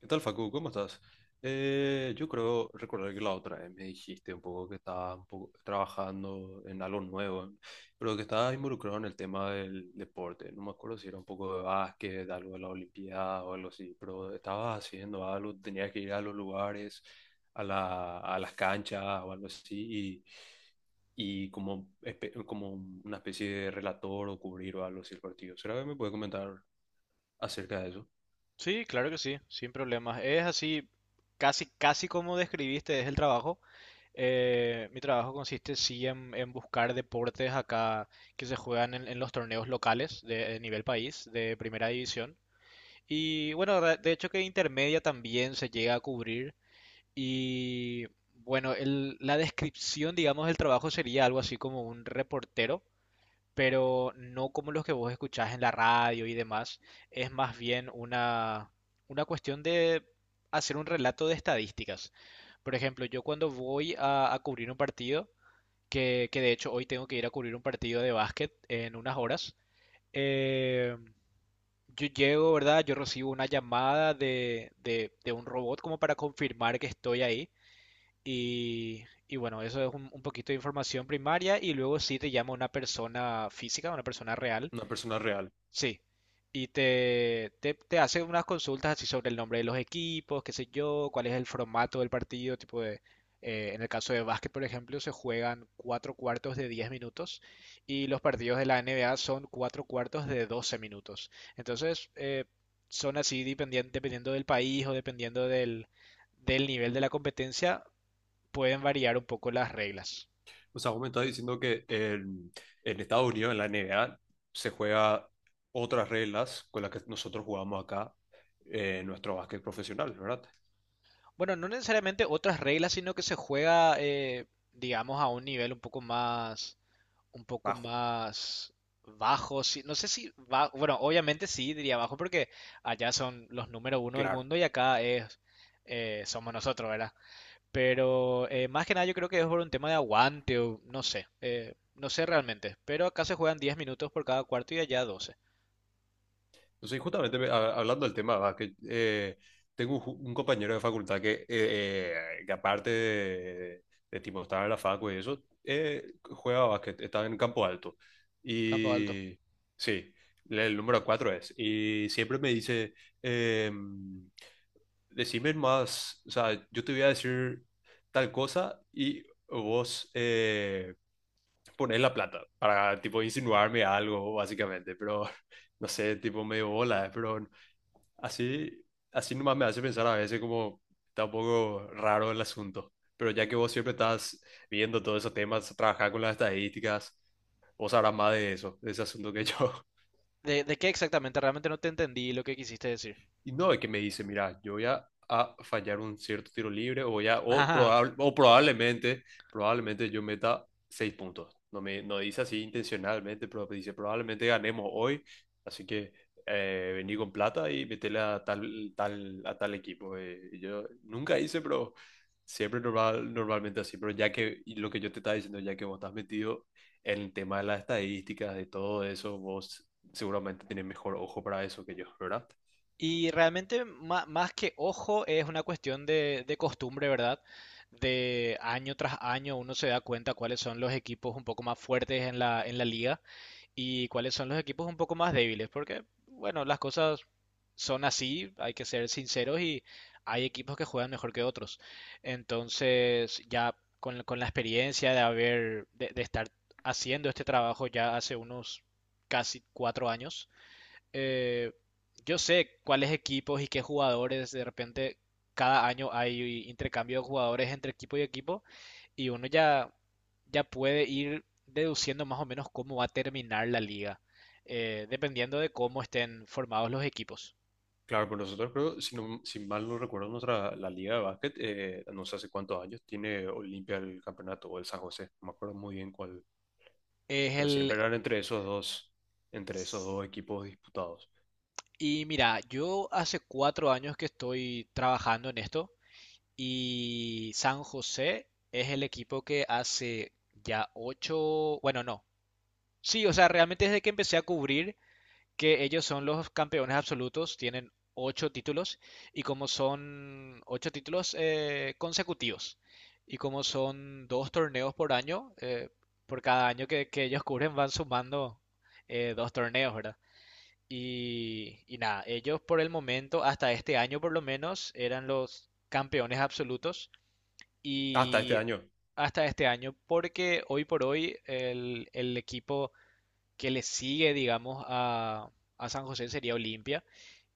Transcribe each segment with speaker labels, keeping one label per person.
Speaker 1: ¿Qué tal, Facu? ¿Cómo estás? Yo creo recordar que la otra vez me dijiste un poco que estabas un poco trabajando en algo nuevo, pero que estabas involucrado en el tema del deporte. No me acuerdo si era un poco de básquet, de algo de la Olimpiada o algo así, pero estabas haciendo algo, tenías que ir a los lugares, a las canchas o algo así, y como, como una especie de relator o cubrir o algo así el partido. ¿Será que me puedes comentar acerca de eso?
Speaker 2: Sí, claro que sí, sin problemas. Es así, casi, casi como describiste, es el trabajo. Mi trabajo consiste sí en buscar deportes acá que se juegan en los torneos locales de nivel país, de primera división. Y bueno, de hecho que intermedia también se llega a cubrir. Y bueno, la descripción, digamos, del trabajo sería algo así como un reportero, pero no como los que vos escuchás en la radio y demás. Es más bien una cuestión de hacer un relato de estadísticas. Por ejemplo, yo cuando voy a cubrir un partido, que de hecho hoy tengo que ir a cubrir un partido de básquet en unas horas. eh, yo llego, ¿verdad? Yo recibo una llamada de un robot como para confirmar que estoy ahí. Y bueno, eso es un poquito de información primaria y luego sí te llama una persona física, una persona real.
Speaker 1: Una persona real.
Speaker 2: Sí, y te hace unas consultas así sobre el nombre de los equipos, qué sé yo, cuál es el formato del partido, tipo de, en el caso de básquet, por ejemplo, se juegan cuatro cuartos de 10 minutos y los partidos de la NBA son cuatro cuartos de 12 minutos. Entonces, son así dependiendo del país o dependiendo del nivel de la competencia, pueden variar un poco las reglas.
Speaker 1: O sea, vos me estás diciendo que en Estados Unidos, en la NBA, se juega otras reglas con las que nosotros jugamos acá, en nuestro básquet profesional, ¿verdad?
Speaker 2: Bueno, no necesariamente otras reglas, sino que se juega, digamos, a un nivel un poco más un poco
Speaker 1: Bajo,
Speaker 2: más bajo. Sí, no sé si va. Bueno, obviamente sí diría bajo porque allá son los número uno del
Speaker 1: claro.
Speaker 2: mundo y acá es somos nosotros, ¿verdad? Pero más que nada yo creo que es por un tema de aguante o no sé, no sé realmente, pero acá se juegan 10 minutos por cada cuarto y allá 12.
Speaker 1: Entonces, justamente hablando del tema de básquet, tengo un, un compañero de facultad que aparte de tipo estar en la facu y eso, juega básquet, está en Campo Alto.
Speaker 2: Campo Alto.
Speaker 1: Y sí, el número 4 es. Y siempre me dice... em, decime más, o sea, yo te voy a decir tal cosa y vos ponés la plata para, tipo, insinuarme algo, básicamente, pero no sé, tipo, medio bola, pero así, así nomás me hace pensar a veces como está un poco raro el asunto, pero ya que vos siempre estás viendo todos esos temas, trabajar con las estadísticas, vos sabrás más de eso, de ese asunto que yo.
Speaker 2: ¿De qué exactamente? Realmente no te entendí lo que quisiste decir.
Speaker 1: Y no, es que me dice, mira, yo voy a fallar un cierto tiro libre o, voy a- o, probable- o probablemente, probablemente yo meta seis puntos. No me no dice así intencionalmente, pero me dice, probablemente ganemos hoy, así que vení con plata y metele a tal equipo. Y yo nunca hice, pero siempre normalmente así. Pero ya que y lo que yo te estaba diciendo, ya que vos estás metido en el tema de las estadísticas, de todo eso, vos seguramente tenés mejor ojo para eso que yo, ¿verdad?
Speaker 2: Y realmente más que ojo es una cuestión de costumbre, ¿verdad? De año tras año uno se da cuenta cuáles son los equipos un poco más fuertes en la liga y cuáles son los equipos un poco más débiles, porque, bueno, las cosas son así, hay que ser sinceros y hay equipos que juegan mejor que otros. Entonces, ya con la experiencia de haber, de estar haciendo este trabajo ya hace unos casi 4 años, eh, yo sé cuáles equipos y qué jugadores, de repente cada año hay intercambio de jugadores entre equipo y equipo y uno ya puede ir deduciendo más o menos cómo va a terminar la liga, dependiendo de cómo estén formados los equipos.
Speaker 1: Claro, pues nosotros creo, si mal no recuerdo, nuestra, la liga de básquet, no sé hace cuántos años, tiene Olimpia el campeonato o el San José, no me acuerdo muy bien cuál,
Speaker 2: Es
Speaker 1: pero
Speaker 2: el.
Speaker 1: siempre eran entre esos dos equipos disputados.
Speaker 2: Y mira, yo hace 4 años que estoy trabajando en esto y San José es el equipo que hace ya ocho, bueno, no. Sí, o sea, realmente desde que empecé a cubrir que ellos son los campeones absolutos, tienen ocho títulos y como son ocho títulos consecutivos y como son dos torneos por año, por cada año que ellos cubren van sumando dos torneos, ¿verdad? Y nada, ellos por el momento, hasta este año por lo menos, eran los campeones absolutos
Speaker 1: Hasta este
Speaker 2: y
Speaker 1: año,
Speaker 2: hasta este año porque hoy por hoy el equipo que le sigue, digamos, a San José sería Olimpia.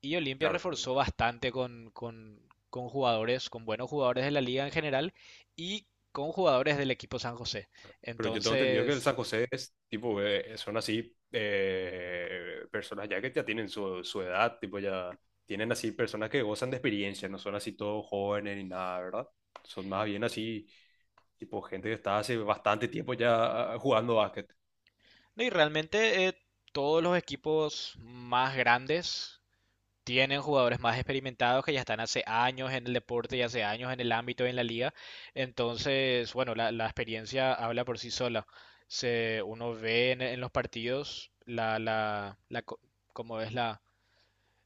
Speaker 2: Y Olimpia
Speaker 1: claro.
Speaker 2: reforzó bastante con jugadores, con buenos jugadores de la liga en general y con jugadores del equipo San José.
Speaker 1: Pero yo tengo entendido que el
Speaker 2: Entonces,
Speaker 1: San José es tipo, son así personas ya que ya tienen su, su edad, tipo ya tienen así personas que gozan de experiencia, no son así todos jóvenes ni nada, ¿verdad? Son más bien así, tipo gente que está hace bastante tiempo ya jugando básquet.
Speaker 2: no, y realmente todos los equipos más grandes tienen jugadores más experimentados que ya están hace años en el deporte y hace años en el ámbito y en la liga. Entonces, bueno, la experiencia habla por sí sola. Uno ve en los partidos cómo es la,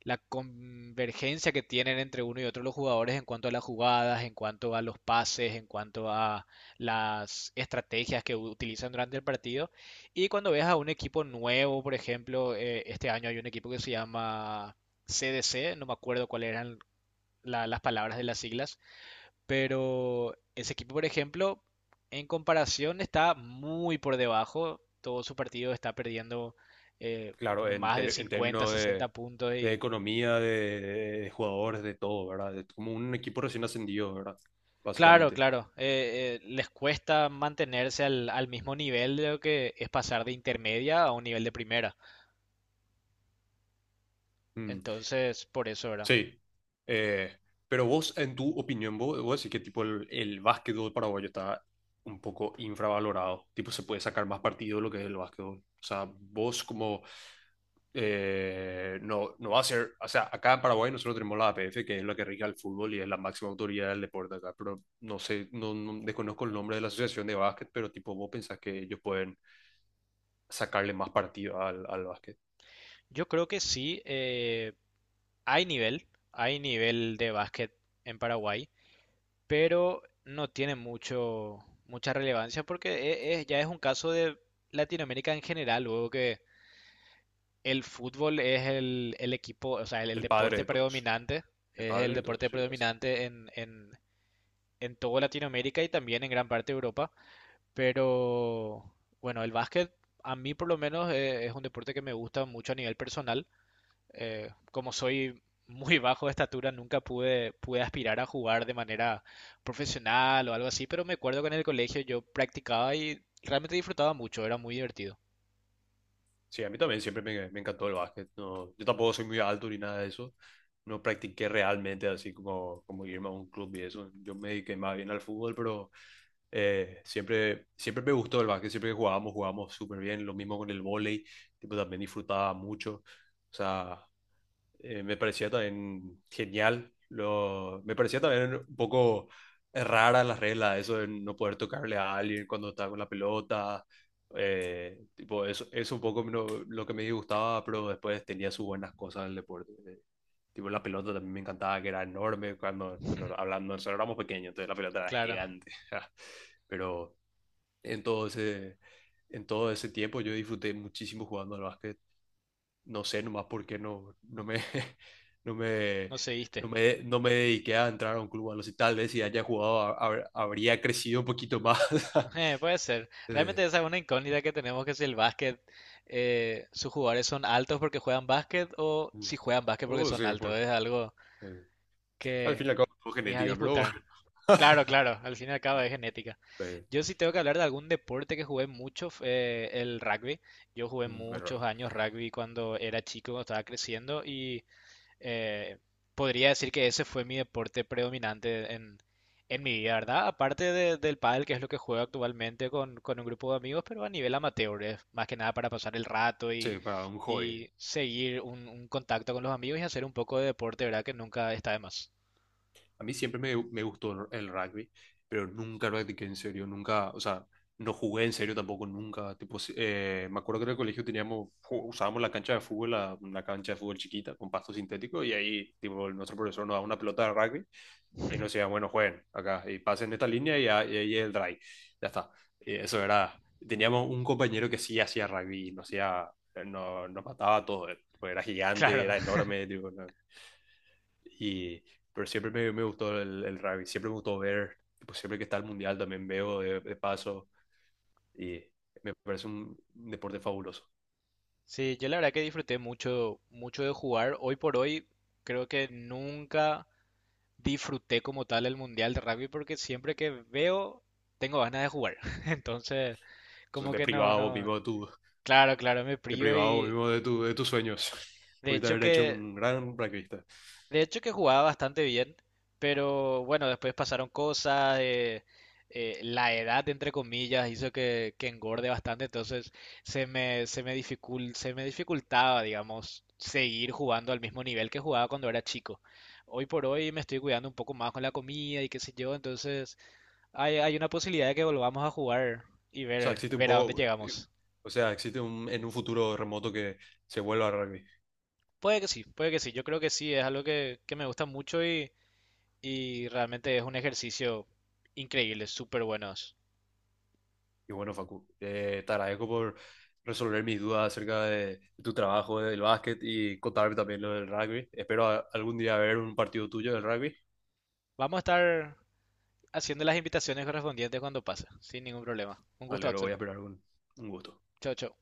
Speaker 2: la convergencia que tienen entre uno y otro los jugadores en cuanto a las jugadas, en cuanto a los pases, en cuanto a las estrategias que utilizan durante el partido. Y cuando ves a un equipo nuevo, por ejemplo, este año hay un equipo que se llama CDC, no me acuerdo cuáles eran las palabras de las siglas, pero ese equipo, por ejemplo, en comparación está muy por debajo, todo su partido está perdiendo
Speaker 1: Claro,
Speaker 2: por más de
Speaker 1: en
Speaker 2: 50,
Speaker 1: términos
Speaker 2: sesenta puntos
Speaker 1: de
Speaker 2: Y
Speaker 1: economía, de jugadores, de todo, ¿verdad? Es como un equipo recién ascendido, ¿verdad?
Speaker 2: claro,
Speaker 1: Básicamente.
Speaker 2: claro. Les cuesta mantenerse al mismo nivel de lo que es pasar de intermedia a un nivel de primera.
Speaker 1: Mm.
Speaker 2: Entonces, por eso, ¿verdad?
Speaker 1: Sí. Eh, pero vos, en tu opinión, vos decís que tipo el básquetbol paraguayo está un poco infravalorado. Tipo, se puede sacar más partido de lo que es el básquetbol. O sea, vos como no, no va a ser. O sea, acá en Paraguay nosotros tenemos la APF, que es la que rige el fútbol y es la máxima autoridad del deporte acá. Pero no sé, desconozco el nombre de la asociación de básquet, pero tipo, vos pensás que ellos pueden sacarle más partido al, al básquet.
Speaker 2: Yo creo que sí, hay nivel, hay nivel de básquet en Paraguay, pero no tiene mucha relevancia porque ya es un caso de Latinoamérica en general, luego que el fútbol es el equipo, o sea, el
Speaker 1: El padre
Speaker 2: deporte
Speaker 1: de todos.
Speaker 2: predominante,
Speaker 1: El
Speaker 2: es el
Speaker 1: padre de todos,
Speaker 2: deporte
Speaker 1: sí.
Speaker 2: predominante en toda Latinoamérica y también en gran parte de Europa. Pero bueno, el básquet a mí por lo menos es un deporte que me gusta mucho a nivel personal. Como soy muy bajo de estatura, nunca pude aspirar a jugar de manera profesional o algo así, pero me acuerdo que en el colegio yo practicaba y realmente disfrutaba mucho, era muy divertido.
Speaker 1: Sí, a mí también siempre me encantó el básquet. No, yo tampoco soy muy alto ni nada de eso. No practiqué realmente así como, como irme a un club y eso. Yo me dediqué más bien al fútbol, pero siempre, siempre me gustó el básquet. Siempre que jugábamos, jugábamos súper bien. Lo mismo con el vóley. Tipo, también disfrutaba mucho. O sea, me parecía también genial. Lo, me parecía también un poco rara las reglas, eso de no poder tocarle a alguien cuando está con la pelota, tipo, eso es un poco lo que me disgustaba, pero después tenía sus buenas cosas en el deporte. Tipo, la pelota también me encantaba, que era enorme. Cuando, bueno, hablando, nosotros éramos pequeños, entonces la pelota era
Speaker 2: Claro,
Speaker 1: gigante. Pero en todo ese, en todo ese tiempo yo disfruté muchísimo jugando al básquet. No sé nomás por qué no me,
Speaker 2: no seguiste.
Speaker 1: no me dediqué a entrar a un club. A los tal vez si haya jugado, habría crecido un poquito más.
Speaker 2: Puede ser.
Speaker 1: Eh,
Speaker 2: Realmente esa es una incógnita que tenemos, que si el básquet, sus jugadores son altos porque juegan básquet o
Speaker 1: mm.
Speaker 2: si juegan básquet porque
Speaker 1: Oh,
Speaker 2: son
Speaker 1: sí,
Speaker 2: altos.
Speaker 1: por,
Speaker 2: Es algo
Speaker 1: eh, al
Speaker 2: que
Speaker 1: fin y al cabo, no
Speaker 2: es a
Speaker 1: genética, pero bueno,
Speaker 2: disputar. Claro, claro, al fin y al cabo es genética.
Speaker 1: pues,
Speaker 2: Yo sí tengo que hablar de algún deporte que jugué mucho, fue el rugby. Yo jugué
Speaker 1: mm, pero
Speaker 2: muchos
Speaker 1: bueno,
Speaker 2: años rugby cuando era chico, cuando estaba creciendo y, eh, podría decir que ese fue mi deporte predominante en mi vida, ¿verdad? Aparte del pádel, que es lo que juego actualmente con un grupo de amigos, pero a nivel amateur, es más que nada para pasar el rato y,
Speaker 1: sí, para un hobby.
Speaker 2: y seguir un contacto con los amigos y hacer un poco de deporte, ¿verdad? Que nunca está de más.
Speaker 1: A mí siempre me gustó el rugby, pero nunca practiqué en serio, nunca, o sea, no jugué en serio tampoco, nunca. Tipo, me acuerdo que en el colegio teníamos, usábamos la cancha de fútbol, una cancha de fútbol chiquita con pasto sintético, y ahí, tipo, nuestro profesor nos daba una pelota de rugby y nos decían, bueno, jueguen acá y pasen esta línea y, ahí el drive. Ya está. Y eso era. Teníamos un compañero que sí hacía rugby, nos, hacía, no, nos mataba todo. Pues era gigante,
Speaker 2: Claro.
Speaker 1: era enorme. Tipo, no- Y, pero siempre me gustó el rugby, siempre me gustó ver. Pues siempre que está el mundial también veo de paso y me parece un deporte fabuloso.
Speaker 2: Sí, yo la verdad que disfruté mucho, mucho de jugar. Hoy por hoy creo que nunca disfruté como tal el mundial de rugby porque siempre que veo tengo ganas de jugar. Entonces,
Speaker 1: Entonces,
Speaker 2: como
Speaker 1: te
Speaker 2: que no,
Speaker 1: privaba vos
Speaker 2: no.
Speaker 1: mismo de tu,
Speaker 2: Claro, claro, me
Speaker 1: te
Speaker 2: prio
Speaker 1: privaba vos
Speaker 2: y
Speaker 1: mismo de, tu, de tus sueños.
Speaker 2: de
Speaker 1: Pudiste
Speaker 2: hecho
Speaker 1: haber hecho
Speaker 2: que
Speaker 1: un gran rugbyista.
Speaker 2: de hecho que jugaba bastante bien, pero bueno, después pasaron cosas, la edad entre comillas hizo que engorde bastante, entonces se me dificultaba, digamos, seguir jugando al mismo nivel que jugaba cuando era chico. Hoy por hoy me estoy cuidando un poco más con la comida y qué sé yo, entonces hay una posibilidad de que volvamos a jugar y
Speaker 1: O sea,
Speaker 2: ver,
Speaker 1: existe un
Speaker 2: ver a dónde
Speaker 1: poco,
Speaker 2: llegamos.
Speaker 1: o sea, existe un, en un futuro remoto que se vuelva a rugby.
Speaker 2: Puede que sí, puede que sí. Yo creo que sí, es algo que me gusta mucho y realmente es un ejercicio increíble, súper bueno.
Speaker 1: Y bueno, Facu, te agradezco por resolver mis dudas acerca de tu trabajo del básquet y contarme también lo del rugby. Espero algún día ver un partido tuyo del rugby.
Speaker 2: Vamos a estar haciendo las invitaciones correspondientes cuando pase, sin ningún problema. Un gusto,
Speaker 1: Vale, lo voy
Speaker 2: Axel.
Speaker 1: a esperar con un gusto.
Speaker 2: Chao, chao.